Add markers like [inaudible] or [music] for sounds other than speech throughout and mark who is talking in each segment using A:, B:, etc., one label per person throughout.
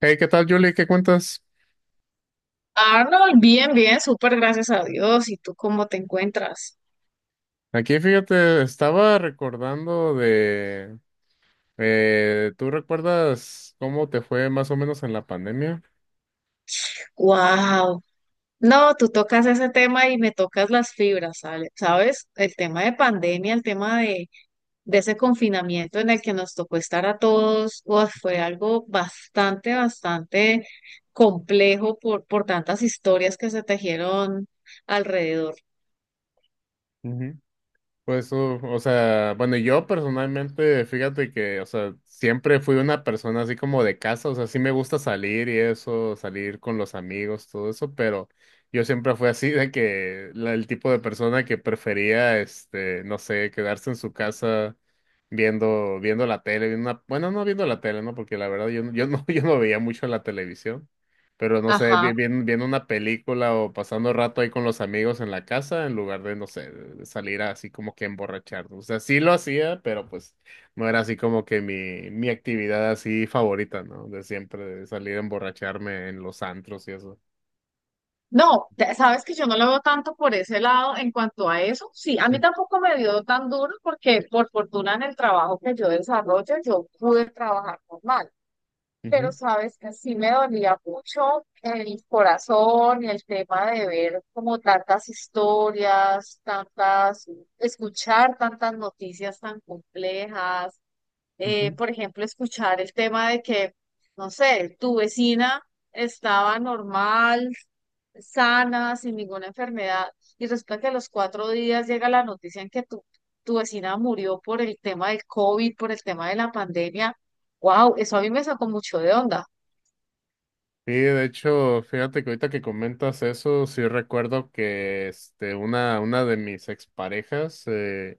A: Hey, ¿qué tal, Julie? ¿Qué cuentas?
B: Arnold, bien, bien, súper gracias a Dios. ¿Y tú cómo te encuentras?
A: Aquí, fíjate, estaba recordando ¿tú recuerdas cómo te fue más o menos en la pandemia?
B: Wow. No, tú tocas ese tema y me tocas las fibras, ¿sale? ¿Sabes? El tema de pandemia, el tema de ese confinamiento en el que nos tocó estar a todos, uf, fue algo bastante, bastante complejo por tantas historias que se tejieron alrededor.
A: Pues, o sea, bueno, yo personalmente, fíjate que, o sea, siempre fui una persona así como de casa, o sea, sí me gusta salir y eso, salir con los amigos, todo eso, pero yo siempre fui así de que el tipo de persona que prefería, no sé, quedarse en su casa viendo la tele, bueno, no viendo la tele, ¿no? Porque la verdad yo, no- yo no, [laughs] yo no veía mucho la televisión. Pero no sé,
B: Ajá.
A: viendo una película o pasando rato ahí con los amigos en la casa, en lugar de, no sé, de salir así como que emborracharnos. O sea, sí lo hacía, pero pues no era así como que mi actividad así favorita, ¿no? De siempre, de salir a emborracharme en los antros y eso.
B: No, sabes que yo no lo veo tanto por ese lado en cuanto a eso. Sí, a mí
A: Mm,
B: tampoco me dio tan duro porque por fortuna en el trabajo que yo desarrollo yo pude trabajar normal, pero
A: ujú,
B: sabes que sí me dolía mucho el corazón y el tema de ver como tantas historias, tantas, escuchar tantas noticias tan complejas.
A: ujú.
B: Por ejemplo, escuchar el tema de que, no sé, tu vecina estaba normal sana, sin ninguna enfermedad, y resulta que a los 4 días llega la noticia en que tu vecina murió por el tema del COVID, por el tema de la pandemia. Wow, eso a mí me sacó mucho de onda.
A: Sí, de hecho, fíjate que ahorita que comentas eso, sí recuerdo que este, una de mis exparejas. eh,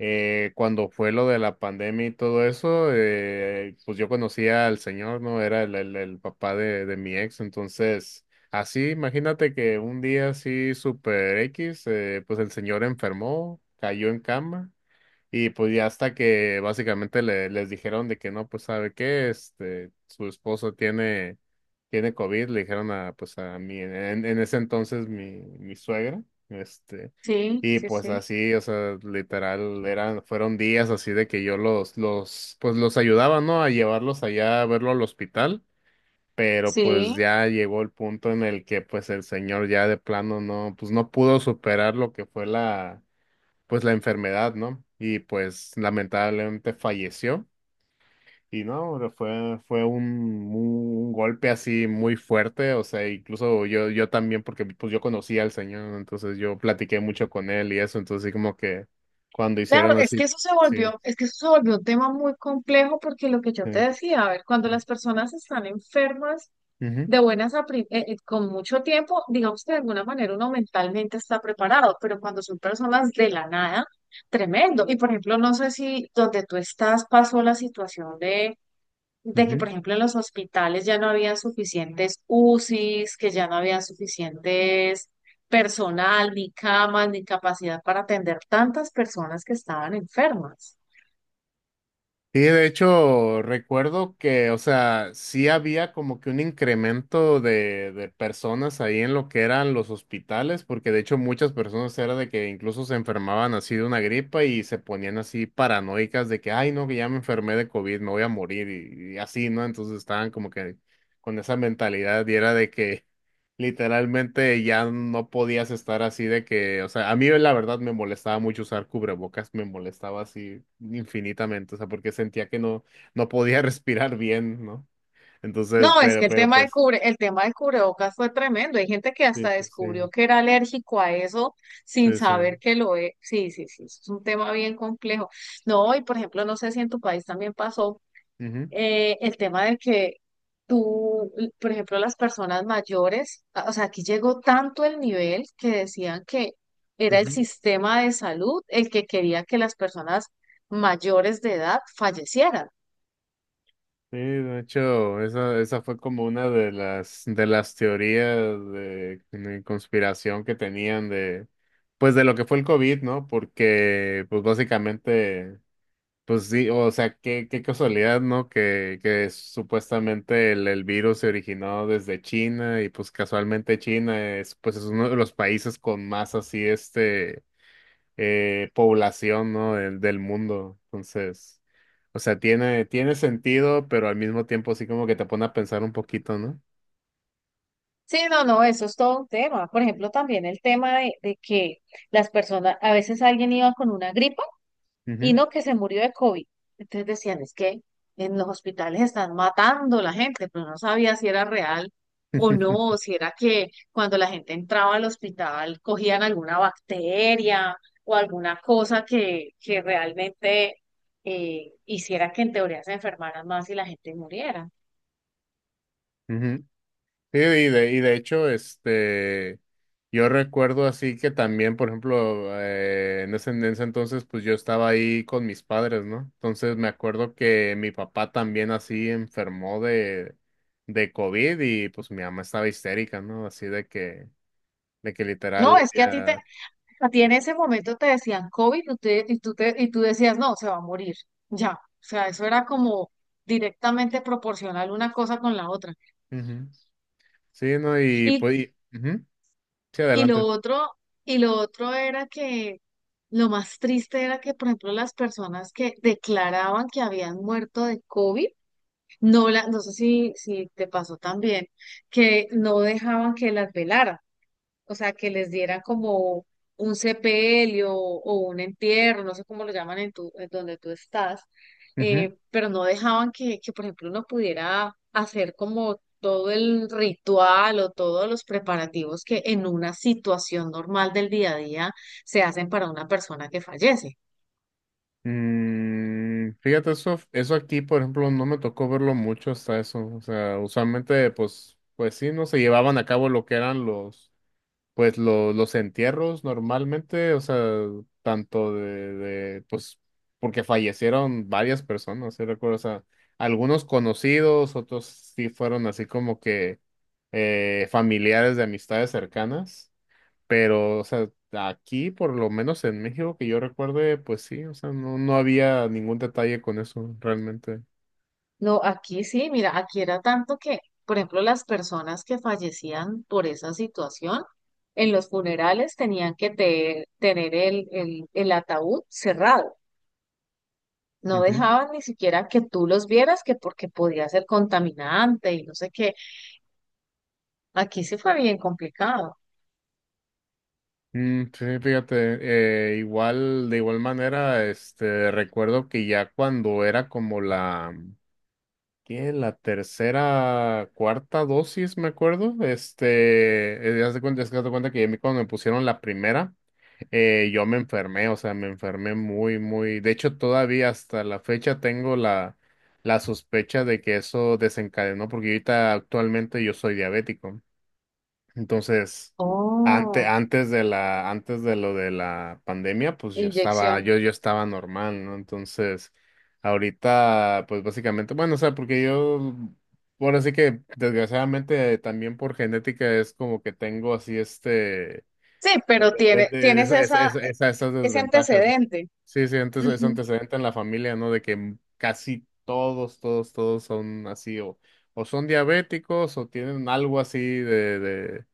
A: Eh, Cuando fue lo de la pandemia y todo eso, pues yo conocía al señor, ¿no? Era el papá de mi ex, entonces, así, imagínate que un día así super X, pues el señor enfermó, cayó en cama. Y pues ya hasta que básicamente les dijeron de que no, pues sabe qué, este, su esposo tiene COVID. Le dijeron a, pues a mí, en ese entonces mi suegra, este,
B: Sí,
A: y
B: sí,
A: pues
B: sí.
A: así, o sea, literal, fueron días así de que yo pues los ayudaba, ¿no? A llevarlos allá a verlo al hospital, pero pues
B: Sí.
A: ya llegó el punto en el que pues el señor ya de plano no, pues no pudo superar lo que fue la pues la enfermedad, ¿no? Y pues lamentablemente falleció. Y no, fue un golpe así muy fuerte, o sea, incluso yo, también, porque pues yo conocía al señor, ¿no? Entonces yo platiqué mucho con él y eso, entonces así como que cuando hicieron
B: Claro, es
A: así,
B: que
A: sí,
B: eso se volvió un tema muy complejo porque lo que yo
A: sí.
B: te decía, a ver, cuando
A: Sí.
B: las personas están enfermas,
A: Ujú,
B: de buenas a pri- con mucho tiempo, digamos que de alguna manera uno mentalmente está preparado, pero cuando son personas de la nada, tremendo. Y por ejemplo, no sé si donde tú estás pasó la situación de, que,
A: ujú.
B: por ejemplo, en los hospitales ya no habían suficientes UCIs, que ya no había suficientes personal, ni camas, ni capacidad para atender tantas personas que estaban enfermas.
A: Sí, de hecho, recuerdo que, o sea, sí había como que un incremento de personas ahí en lo que eran los hospitales, porque de hecho muchas personas era de que incluso se enfermaban así de una gripa y se ponían así paranoicas de que, ay, no, que ya me enfermé de COVID, me voy a morir y así, ¿no? Entonces estaban como que con esa mentalidad y era de que literalmente ya no podías estar así de que, o sea, a mí la verdad me molestaba mucho usar cubrebocas, me molestaba así infinitamente, o sea, porque sentía que no podía [laughs] respirar bien, ¿no? Entonces,
B: No, es
A: pero,
B: que
A: pero pues,
B: el tema del cubrebocas fue tremendo. Hay gente que
A: sí,
B: hasta
A: sí, sí,
B: descubrió que era alérgico a eso sin
A: sí, sí.
B: saber que lo es. Sí, sí, sí, es un tema bien complejo. No, y por ejemplo, no sé si en tu país también pasó
A: Ujú,
B: el tema de que tú, por ejemplo, las personas mayores, o sea, aquí llegó tanto el nivel que decían que era el
A: ujú.
B: sistema de salud el que quería que las personas mayores de edad fallecieran.
A: Sí, de hecho, esa fue como una de las, teorías de conspiración que tenían de, pues de lo que fue el COVID, ¿no? Porque pues básicamente, pues sí, o sea, qué casualidad, ¿no? Que supuestamente el virus se originó desde China y pues casualmente China es, pues es uno de los países con más así, este, población, ¿no? Del, del mundo. Entonces, o sea, tiene sentido, pero al mismo tiempo sí como que te pone a pensar un poquito, ¿no?
B: Sí, no, no, eso es todo un tema. Por ejemplo, también el tema de, que las personas, a veces alguien iba con una gripa y
A: Ujú.
B: no que se murió de COVID. Entonces decían, es que en los hospitales están matando a la gente, pero no sabía si era real o no, o si era que cuando la gente entraba al hospital cogían alguna bacteria o alguna cosa que realmente hiciera que en teoría se enfermaran más y la gente muriera.
A: [laughs] Sí, y de hecho, este, yo recuerdo así que también, por ejemplo, en ese, entonces, pues yo estaba ahí con mis padres, ¿no? Entonces me acuerdo que mi papá también así enfermó de COVID y pues mi mamá estaba histérica, ¿no? Así de que
B: No,
A: literal,
B: es que
A: ya,
B: a ti en ese momento te decían COVID y tú decías, no, se va a morir, ya. O sea, eso era como directamente proporcional una cosa con la otra.
A: ujú. Sí, ¿no? Y
B: Y,
A: pues, ujú. Sí,
B: y lo
A: adelante.
B: otro, era que lo más triste era que, por ejemplo, las personas que declaraban que habían muerto de COVID, no, la, no sé si, si te pasó también, que no dejaban que las velaran. O sea, que les diera como un sepelio o un entierro, no sé cómo lo llaman en tu, en donde tú estás, pero no dejaban que, por ejemplo, uno pudiera hacer como todo el ritual o todos los preparativos que en una situación normal del día a día se hacen para una persona que fallece.
A: Mm, fíjate, eso aquí, por ejemplo, no me tocó verlo mucho hasta eso. O sea, usualmente, pues, pues sí, no se llevaban a cabo lo que eran los, pues, los entierros normalmente, o sea, tanto pues, porque fallecieron varias personas, sí recuerdo, o sea, algunos conocidos, otros sí fueron así como que familiares de amistades cercanas. Pero, o sea, aquí, por lo menos en México, que yo recuerde, pues sí, o sea, no, no había ningún detalle con eso realmente.
B: No, aquí sí, mira, aquí era tanto que, por ejemplo, las personas que fallecían por esa situación, en los funerales tenían que tener el ataúd cerrado. No
A: Ujú.
B: dejaban ni siquiera que tú los vieras, que porque podía ser contaminante y no sé qué. Aquí sí fue bien complicado.
A: Mm, sí, fíjate, igual, de igual manera, este, recuerdo que ya cuando era como ¿qué? La tercera, cuarta dosis, me acuerdo, este, es que haz de cuenta que a mí cuando me pusieron la primera, yo me enfermé, o sea, me enfermé muy, muy. De hecho, todavía hasta la fecha tengo la sospecha de que eso desencadenó, porque ahorita actualmente yo soy diabético. Entonces, antes
B: Oh,
A: antes de la, antes de lo de la pandemia, pues yo estaba,
B: inyección.
A: yo, yo estaba normal, ¿no? Entonces, ahorita, pues básicamente, bueno, o sea, porque yo, bueno, así que desgraciadamente también por genética es como que tengo así
B: Sí, pero
A: Esa- esa- esa- esa- esas
B: ese
A: desventajas, ¿no?
B: antecedente.
A: Sí, sí, es
B: Ujú.
A: antecedente en la familia, ¿no? De que casi todos, todos, todos son así, o son diabéticos, o tienen algo así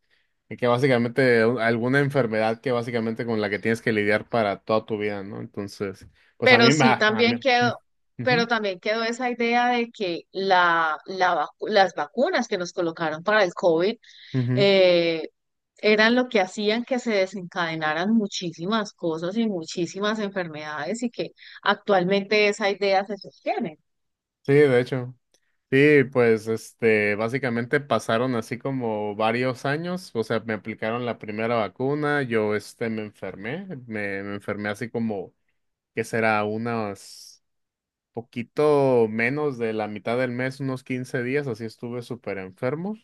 A: de que básicamente alguna enfermedad que básicamente con la que tienes que lidiar para toda tu vida, ¿no? Entonces, pues a
B: Pero
A: mí me,
B: sí
A: a
B: también
A: mí,
B: quedó, pero
A: ujú,
B: también quedó esa idea de que las vacunas que nos colocaron para el COVID
A: ujú.
B: eh, eran lo que hacían que se desencadenaran muchísimas cosas y muchísimas enfermedades y que actualmente esa idea se sostiene.
A: Sí, de hecho. Sí, pues este, básicamente pasaron así como varios años, o sea, me aplicaron la primera vacuna, yo este me enfermé, me enfermé así como que será unos poquito menos de la mitad del mes, unos 15 días, así estuve súper enfermo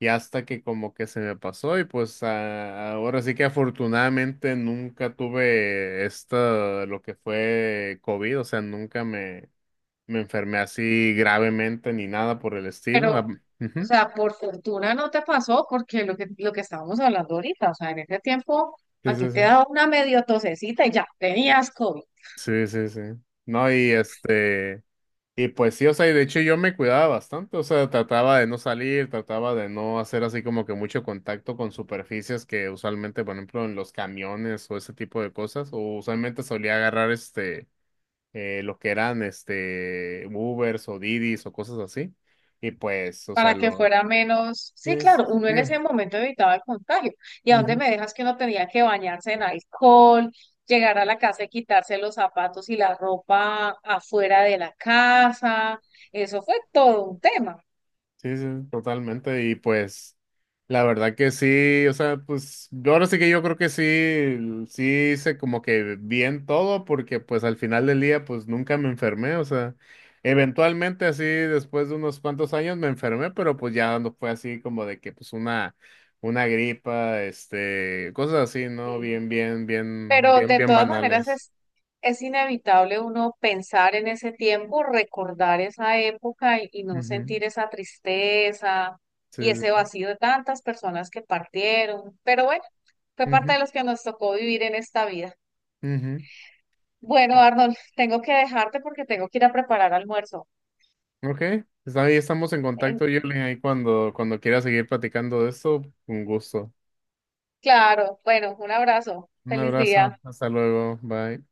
A: y hasta que como que se me pasó y pues ahora sí que afortunadamente nunca tuve lo que fue COVID, o sea, nunca me enfermé así gravemente ni nada por el
B: Pero,
A: estilo. Ah,
B: o
A: ujú.
B: sea, por fortuna no te pasó porque lo que estábamos hablando ahorita, o sea, en ese tiempo
A: Sí,
B: a ti
A: sí, sí.
B: te daba una medio tosecita y ya tenías COVID.
A: Sí, sí, sí. No, y este, y pues sí, o sea, y de hecho yo me cuidaba bastante, o sea, trataba de no salir, trataba de no hacer así como que mucho contacto con superficies que usualmente, por ejemplo, en los camiones o ese tipo de cosas, o usualmente solía agarrar este, lo que eran este, Ubers o Didis o cosas así, y pues, o sea,
B: Para que
A: lo...
B: fuera menos, sí,
A: Sí, sí,
B: claro, uno
A: sí.
B: en ese momento evitaba el contagio. ¿Y a dónde
A: Ujú.
B: me dejas que uno tenía que bañarse en alcohol, llegar a la casa y quitarse los zapatos y la ropa afuera de la casa? Eso fue todo un tema.
A: Sí, sí, totalmente. Y pues, la verdad que sí, o sea, pues, yo ahora sí que yo creo que sí hice como que bien todo, porque pues al final del día, pues nunca me enfermé, o sea, eventualmente así, después de unos cuantos años me enfermé, pero pues ya no fue así como de que pues una gripa, este, cosas así, ¿no?
B: Sí.
A: Bien, bien, bien,
B: Pero
A: bien,
B: de
A: bien
B: todas maneras
A: banales.
B: es inevitable uno pensar en ese tiempo, recordar esa época y no
A: Ujú.
B: sentir esa tristeza y
A: Sí,
B: ese
A: sí.
B: vacío de tantas personas que partieron. Pero bueno, fue parte
A: Ujú,
B: de los que nos tocó vivir en esta vida.
A: ujú.
B: Bueno, Arnold, [laughs] tengo que dejarte porque tengo que ir a preparar almuerzo.
A: Ok, pues ahí estamos en
B: En-
A: contacto, Yuli, ahí cuando quieras seguir platicando de esto, un gusto.
B: claro, bueno, un abrazo.
A: Un
B: Feliz día.
A: abrazo, hasta luego, bye.